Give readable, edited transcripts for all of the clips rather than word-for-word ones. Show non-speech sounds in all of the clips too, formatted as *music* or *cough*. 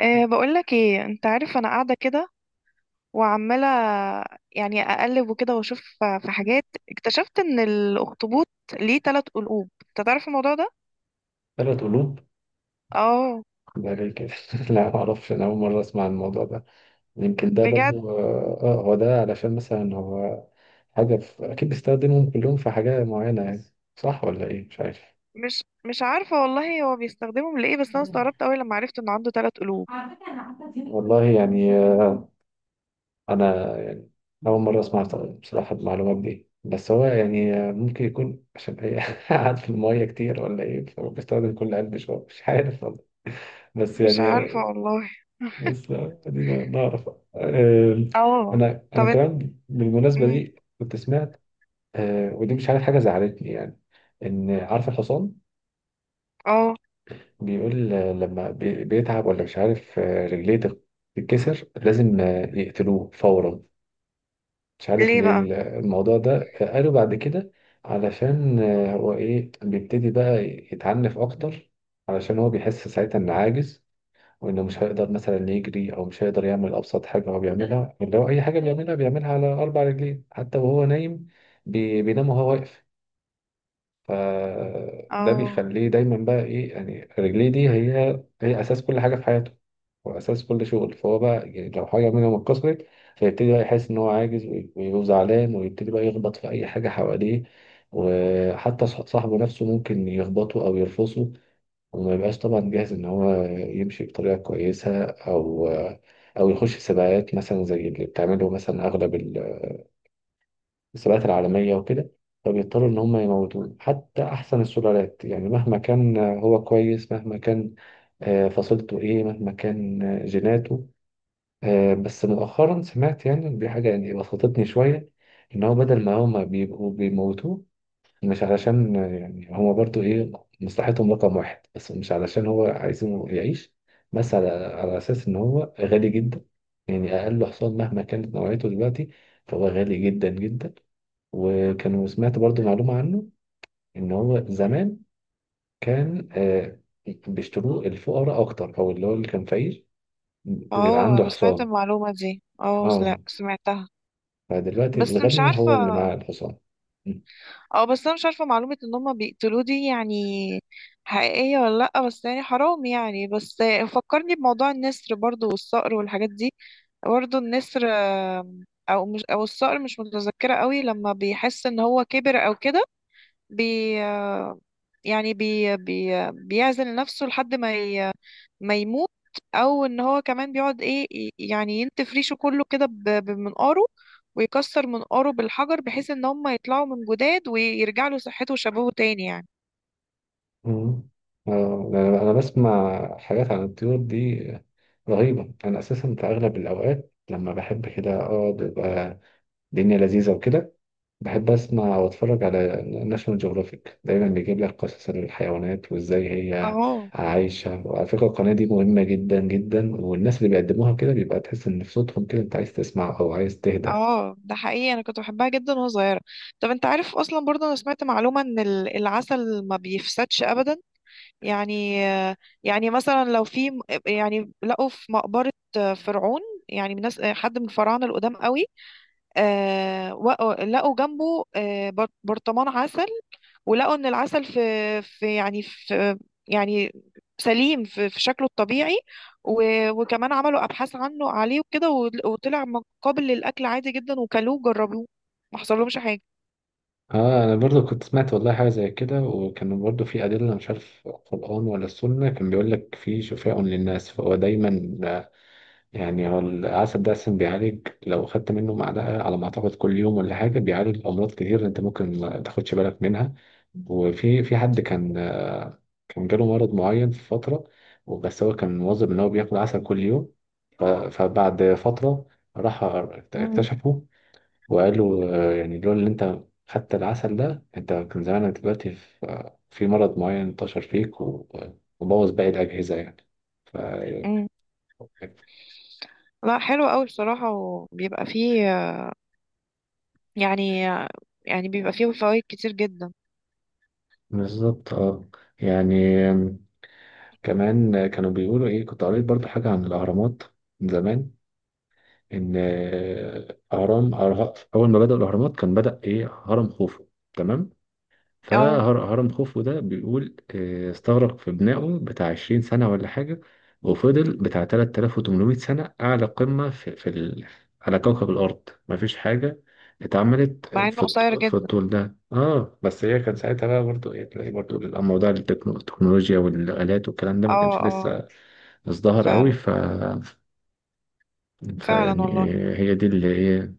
بقولك ايه، انت عارف انا قاعدة كده وعمالة يعني اقلب وكده، واشوف في حاجات. اكتشفت ان الاخطبوط ليه تلات قلوب، انت تعرف الموضوع ده؟ 3 قلوب، اه ده ليه كده؟ *laughs* لا، معرفش، أنا أول مرة أسمع عن الموضوع ده. يمكن ده بجد. برضو هو ده علشان مثلا هو حاجة أكيد بيستخدمهم كلهم في حاجة معينة يعني. صح ولا إيه؟ مش عارف مش عارفة والله، هو بيستخدمهم لايه، بس انا استغربت اوي لما عرفت انه عنده تلات قلوب. والله، يعني أنا يعني أول مرة أسمع بصراحة المعلومات دي. بس هو يعني ممكن يكون عشان هي *laughs* قاعد في المية كتير ولا إيه، فبيستخدم كل قلب شوية. مش عارف والله، بس مش يعني عارفة آه، والله. بس خلينا نعرف. آم، اه. انا طب انت. كمان بالمناسبه مم. دي كنت سمعت ودي مش عارف، حاجه زعلتني يعني. ان عارف الحصان اه. بيقول لما بيتعب ولا مش عارف، رجليه تتكسر لازم يقتلوه فورا. مش عارف ليه ليه بقى؟ الموضوع ده، قالوا بعد كده علشان هو ايه بيبتدي بقى يتعنف اكتر، علشان هو بيحس ساعتها انه عاجز وانه مش هيقدر مثلا يجري او مش هيقدر يعمل ابسط حاجه هو بيعملها، اللي هو اي حاجه بيعملها بيعملها على 4 رجلين، حتى وهو نايم بينام وهو واقف. فده اه بيخليه دايما بقى ايه يعني، رجليه دي هي اساس كل حاجه في حياته، واساس كل شغل. فهو بقى يعني لو حاجه منهم اتكسرت، فيبتدي بقى يحس ان هو عاجز، ويبقى زعلان، ويبتدي بقى يخبط في اي حاجه حواليه، وحتى صاحبه نفسه ممكن يخبطه او يرفصه، وما يبقاش طبعا جاهز ان هو يمشي بطريقه كويسه، او او يخش سباقات مثلا زي اللي بتعمله مثلا اغلب السباقات العالميه وكده. فبيضطروا ان هم يموتوه، حتى احسن السلالات يعني، مهما كان هو كويس، مهما كان فصيلته ايه، مهما كان جيناته. بس مؤخرا سمعت يعني دي حاجه يعني بسطتني شويه، ان هو بدل ما هم بيبقوا بيموتوه، مش علشان يعني هما برضو ايه مصلحتهم رقم 1، بس مش علشان هو عايزينه يعيش، بس على اساس ان هو غالي جدا، يعني اقل حصان مهما كانت نوعيته دلوقتي فهو غالي جدا جدا. وكانوا سمعت برضو معلومة عنه، ان هو زمان كان بيشتروه الفقراء اكتر، او اللي هو اللي كان فقير بيبقى اه، عنده انا سمعت حصان. المعلومة دي. اه اه، لا، سمعتها. فدلوقتي بس مش الغني عارفة. هو اللي معاه الحصان. اه، بس انا مش عارفه معلومه ان هم بيقتلوه دي، يعني حقيقيه ولا لا؟ بس يعني حرام يعني بس. فكرني بموضوع النسر برضو والصقر والحاجات دي. برضو النسر، او مش او الصقر، مش متذكره قوي لما بيحس ان هو كبر او كده. بي آه، يعني بي بي بيعزل نفسه لحد ما ما يموت. او ان هو كمان بيقعد ايه، يعني ينتف ريشه كله كده بمنقاره، ويكسر منقاره بالحجر بحيث ان هم يطلعوا من جداد ويرجع له صحته وشبابه تاني يعني. مم. أنا بسمع حاجات عن الطيور دي رهيبة. أنا أساسا في أغلب الأوقات لما بحب كده أقعد، يبقى الدنيا لذيذة وكده، بحب أسمع وأتفرج على ناشونال جيوغرافيك. دايما بيجيب لك قصص الحيوانات وإزاي هي اه عايشة. وعلى فكرة القناة دي مهمة جدا جدا، والناس اللي بيقدموها كده بيبقى تحس إن في صوتهم كده أنت عايز تسمع أو عايز تهدى. اه، ده حقيقي، انا كنت بحبها جدا وانا صغيره. طب انت عارف اصلا برضه، انا سمعت معلومه ان العسل ما بيفسدش ابدا. يعني مثلا لو في يعني لقوا في مقبره فرعون، يعني من ناس حد من الفراعنه القدام قوي. لقوا جنبه برطمان عسل. ولقوا ان العسل في يعني في يعني سليم في شكله الطبيعي. وكمان عملوا ابحاث عنه عليه وكده، وطلع قابل للاكل عادي جدا، وكلوه وجربوه، ما حصلهمش حاجه. اه، انا برضو كنت سمعت والله حاجه زي كده، وكان برضو في ادله، مش عارف القران ولا السنه، كان بيقول لك في شفاء للناس، فهو دايما يعني هو العسل ده اصلا بيعالج، لو خدت منه معلقه على ما اعتقد كل يوم ولا حاجه بيعالج امراض كتير انت ممكن ما تاخدش بالك منها. وفي حد كان كان جاله مرض معين في فتره، وبس هو كان مواظب ان هو بياكل عسل كل يوم، فبعد فتره راح مم. اكتشفه. وقالوا يعني لولا اللي انت خدت العسل ده انت كان زمانك دلوقتي في في مرض معين انتشر فيك وبوظ باقي الأجهزة يعني. ف مم. لا حلو قوي بصراحه، وبيبقى فيه يعني، بيبقى فيه فوائد كتير جدا. بالظبط اه. يعني كمان كانوا بيقولوا ايه، كنت قريت برضو حاجة عن الأهرامات من زمان، إن أول ما بدأوا الأهرامات كان بدأ ايه هرم خوفو، تمام؟ اه، فهرم خوفو ده بيقول استغرق في بنائه بتاع 20 سنة ولا حاجة، وفضل بتاع 3800 سنة أعلى قمة في على كوكب الأرض. مفيش حاجة اتعملت مع في انه قصير في جدا. الطول ده. اه بس هي كان ساعتها بقى برضو ايه، تلاقي برضو الموضوع التكنولوجيا والآلات والكلام ده ما اه كانش اه، لسه ازدهر قوي. فعلا، ف فعلا فيعني والله. هي دي اللي ايه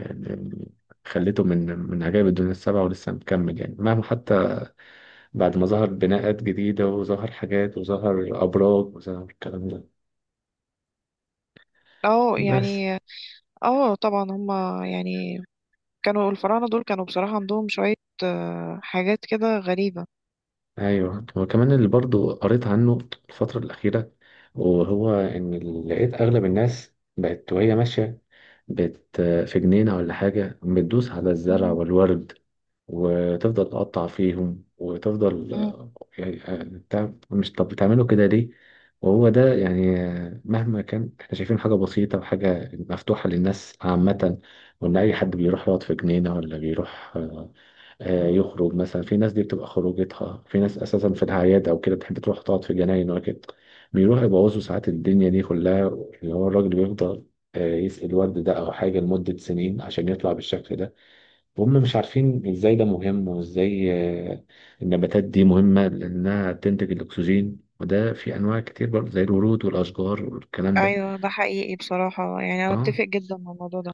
اللي خليته من من عجائب الدنيا 7، ولسه مكمل يعني مهما حتى بعد ما ظهر بناءات جديدة وظهر حاجات وظهر أبراج وظهر الكلام ده. اه بس يعني. اه طبعا هما يعني، كانوا الفراعنة دول كانوا بصراحة عندهم شوية حاجات كده غريبة. أيوه، وكمان اللي برضو قريت عنه الفترة الأخيرة، وهو إن لقيت أغلب الناس بقت وهي ماشية بت في جنينة ولا حاجة بتدوس على الزرع مم. والورد، وتفضل تقطع فيهم وتفضل مم. يعني بتاع- مش طب بتعملوا كده ليه؟ وهو ده يعني مهما كان احنا شايفين حاجة بسيطة وحاجة مفتوحة للناس عامة، وإن أي حد بيروح يقعد في جنينة، ولا بيروح يخرج مثلا، في ناس دي بتبقى خروجتها، في ناس أساسا في الأعياد أو كده بتحب تروح تقعد في جناين وكده، بيروح يبوظوا ساعات الدنيا دي كلها، اللي هو الراجل بيفضل يسقي الورد ده أو حاجة لمدة سنين عشان يطلع بالشكل ده، وهم مش عارفين ازاي ده مهم وازاي آه، النباتات دي مهمة لأنها تنتج الأكسجين، وده في أنواع كتير برضه زي الورود والأشجار والكلام ده. ايوه، ده حقيقي بصراحة، يعني انا اه اتفق جدا مع الموضوع ده.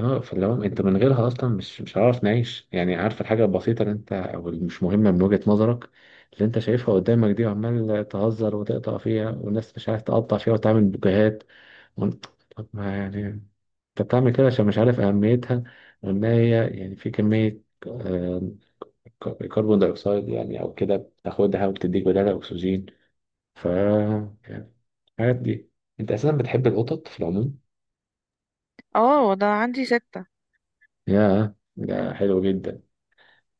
اه، فلو انت من غيرها اصلا مش هعرف نعيش يعني، عارف الحاجه البسيطه اللي انت او اللي مش مهمه من وجهه نظرك، اللي انت شايفها قدامك دي، وعمال تهزر وتقطع فيها، والناس مش عارف تقطع فيها وتعمل بوكيهات، وانت طب ما يعني انت بتعمل كده عشان مش عارف اهميتها، وان هي يعني في كميه آه، كربون دايوكسيد يعني او كده بتاخدها وبتديك بدالها اكسجين. ف يعني الحاجات دي. انت اساسا بتحب القطط في العموم. اه، ده عندي ستة. يا ده حلو جدا.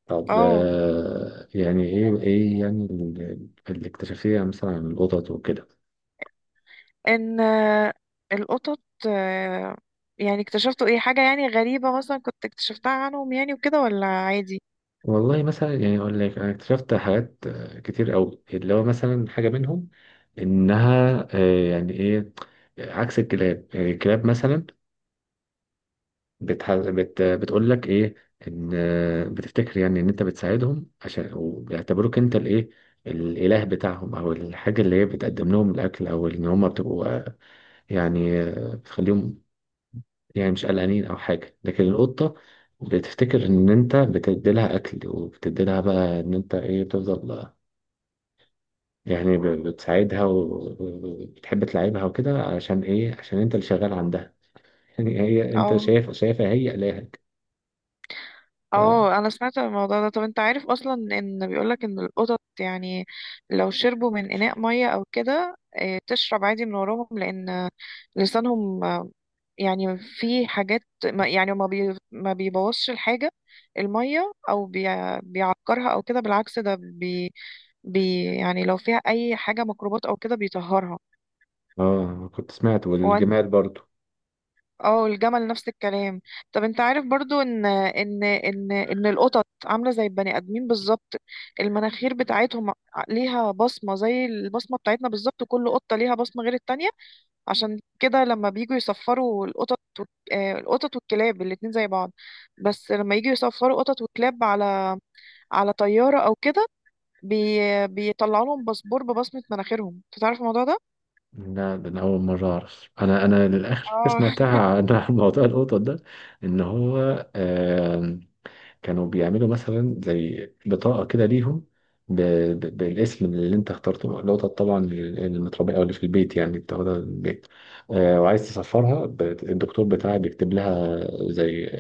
طب اه، يعني ايه ايه يعني الاكتشافية مثلا عن القطط وكده؟ ان القطط آه، يعني اكتشفتوا ايه حاجة يعني غريبة مثلا كنت اكتشفتها عنهم، يعني وكده ولا عادي؟ والله مثلا يعني اقول لك انا اكتشفت حاجات كتير قوي اللي هو مثلا حاجة منهم، انها يعني ايه، عكس الكلاب. يعني الكلاب مثلا بتقول لك ايه، ان بتفتكر يعني ان انت بتساعدهم عشان، وبيعتبروك انت الايه الاله بتاعهم، او الحاجه اللي هي بتقدم لهم الاكل، او ان هم بتبقوا يعني بتخليهم يعني مش قلقانين او حاجه. لكن القطه بتفتكر ان انت بتدي لها اكل، وبتدي لها بقى ان انت ايه بتفضل يعني بتساعدها وبتحب تلعبها وكده، عشان ايه، عشان انت اللي شغال عندها. *laughs* يعني هي انت اه شايفها هي الهك. اه، انا سمعت عن الموضوع ده. طب انت عارف اصلا ان بيقولك ان القطط يعني لو شربوا من اناء ميه او كده، تشرب عادي من وراهم، لان لسانهم، يعني في حاجات ما، يعني ما بيبوظش الحاجه، الميه، او بيعكرها او كده، بالعكس ده بي بي يعني لو فيها اي حاجه ميكروبات او كده بيطهرها. اه كنت سمعت، والجمال برضو. اه الجمل نفس الكلام. طب انت عارف برضو ان القطط عامله زي البني ادمين بالظبط. المناخير بتاعتهم ليها بصمه زي البصمه بتاعتنا بالظبط، كل قطه ليها بصمه غير التانية. عشان كده لما بيجوا يصفروا القطط القطط والكلاب الاتنين زي بعض. بس لما يجوا يصفروا قطط وكلاب على طياره او كده، بي بيطلعوا لهم باسبور ببصمه مناخيرهم، انت تعرف الموضوع ده؟ لا، ده انا اول مره اعرف، انا انا للاخر حاجة اه *laughs* سمعتها عن *laughs* موضوع القطط ده، ان هو آه كانوا بيعملوا مثلا زي بطاقه كده ليهم ب- بالاسم اللي انت اخترته. القطط طبعا المتربيه او اللي في البيت يعني بتاخدها من البيت وعايز تسفرها، الدكتور بتاعها بيكتب لها زي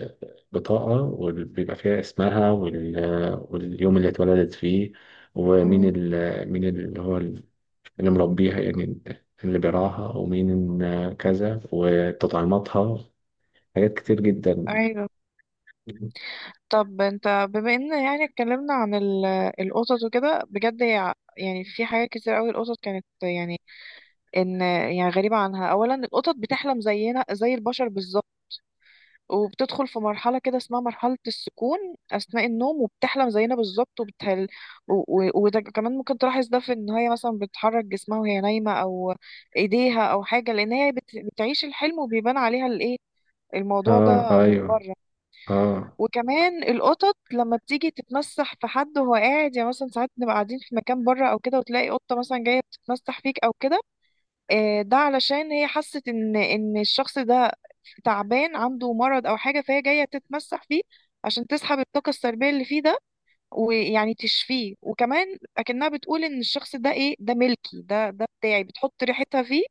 بطاقه، وبيبقى فيها اسمها واليوم اللي اتولدت فيه، ومين أمم، مين اللي هو اللي مربيها يعني، اللي بيراها ومين، كذا وتطعيماتها، حاجات كتير جدا. ايوه. طب انت بما ان يعني اتكلمنا عن القطط وكده، بجد هي يعني في حاجات كتير قوي القطط كانت يعني، ان يعني غريبة عنها. اولا، القطط بتحلم زينا زي البشر بالظبط، وبتدخل في مرحلة كده اسمها مرحلة السكون اثناء النوم، وبتحلم زينا بالظبط وبتهل. و- وده كمان ممكن تلاحظ ده في ان هي مثلا بتحرك جسمها وهي نايمة، او ايديها او حاجة، لان هي بتعيش الحلم، وبيبان عليها الايه، الموضوع اه ده من ايوه بره. اه وكمان القطط لما بتيجي تتمسح في حد وهو قاعد، يعني مثلا ساعات نبقى قاعدين في مكان بره او كده، وتلاقي قطه مثلا جايه بتتمسح فيك او كده، ده علشان هي حست ان الشخص ده تعبان، عنده مرض او حاجه، فهي جايه تتمسح فيه عشان تسحب الطاقه السلبيه اللي فيه ده، ويعني تشفيه. وكمان اكنها بتقول ان الشخص ده ايه، ده ملكي، ده بتاعي، بتحط ريحتها فيه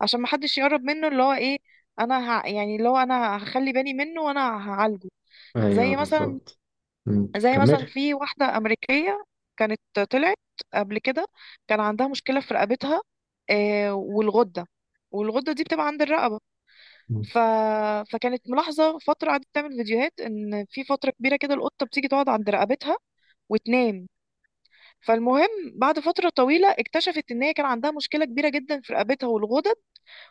عشان ما حدش يقرب منه، اللي هو ايه، يعني اللي هو انا هخلي بالي منه وانا هعالجه. ايوه زي مثلا بالظبط. زي مثلا كمل. في واحدة أمريكية كانت طلعت قبل كده، كان عندها مشكلة في رقبتها، والغدة، والغدة دي بتبقى عند الرقبة. مم. ف... فكانت ملاحظة فترة، قعدت تعمل فيديوهات إن في فترة كبيرة كده القطة بتيجي تقعد عند رقبتها وتنام. فالمهم، بعد فترة طويلة اكتشفت إن هي كان عندها مشكلة كبيرة جدا في رقبتها والغدد،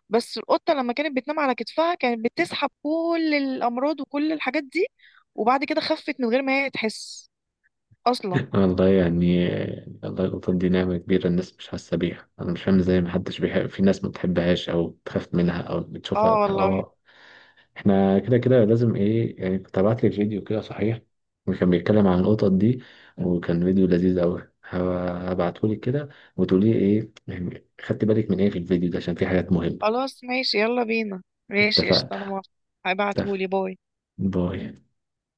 بس القطة لما كانت بتنام على كتفها كانت بتسحب كل الأمراض وكل الحاجات دي. وبعد كده خفت من غير ما هي تحس أصلا. والله يعني، والله القطط دي نعمة كبيرة، الناس مش حاسة بيها. أنا مش فاهم إزاي محدش بيحب، في ناس ما بتحبهاش أو بتخاف منها أو بتشوفها. اه والله. اه احنا كده كده لازم ايه يعني، كنت ابعت لك فيديو كده صحيح، وكان بيتكلم عن القطط دي، وكان فيديو لذيذ قوي، هبعته لك كده، وتقولي ايه يعني خدت بالك من ايه في الفيديو ده، عشان في حاجات مهمة. خلاص ماشي، يلا بينا. ماشي قشطة، انا اتفقنا، موافقة. اتفق، هبعتهولي، باي. باي.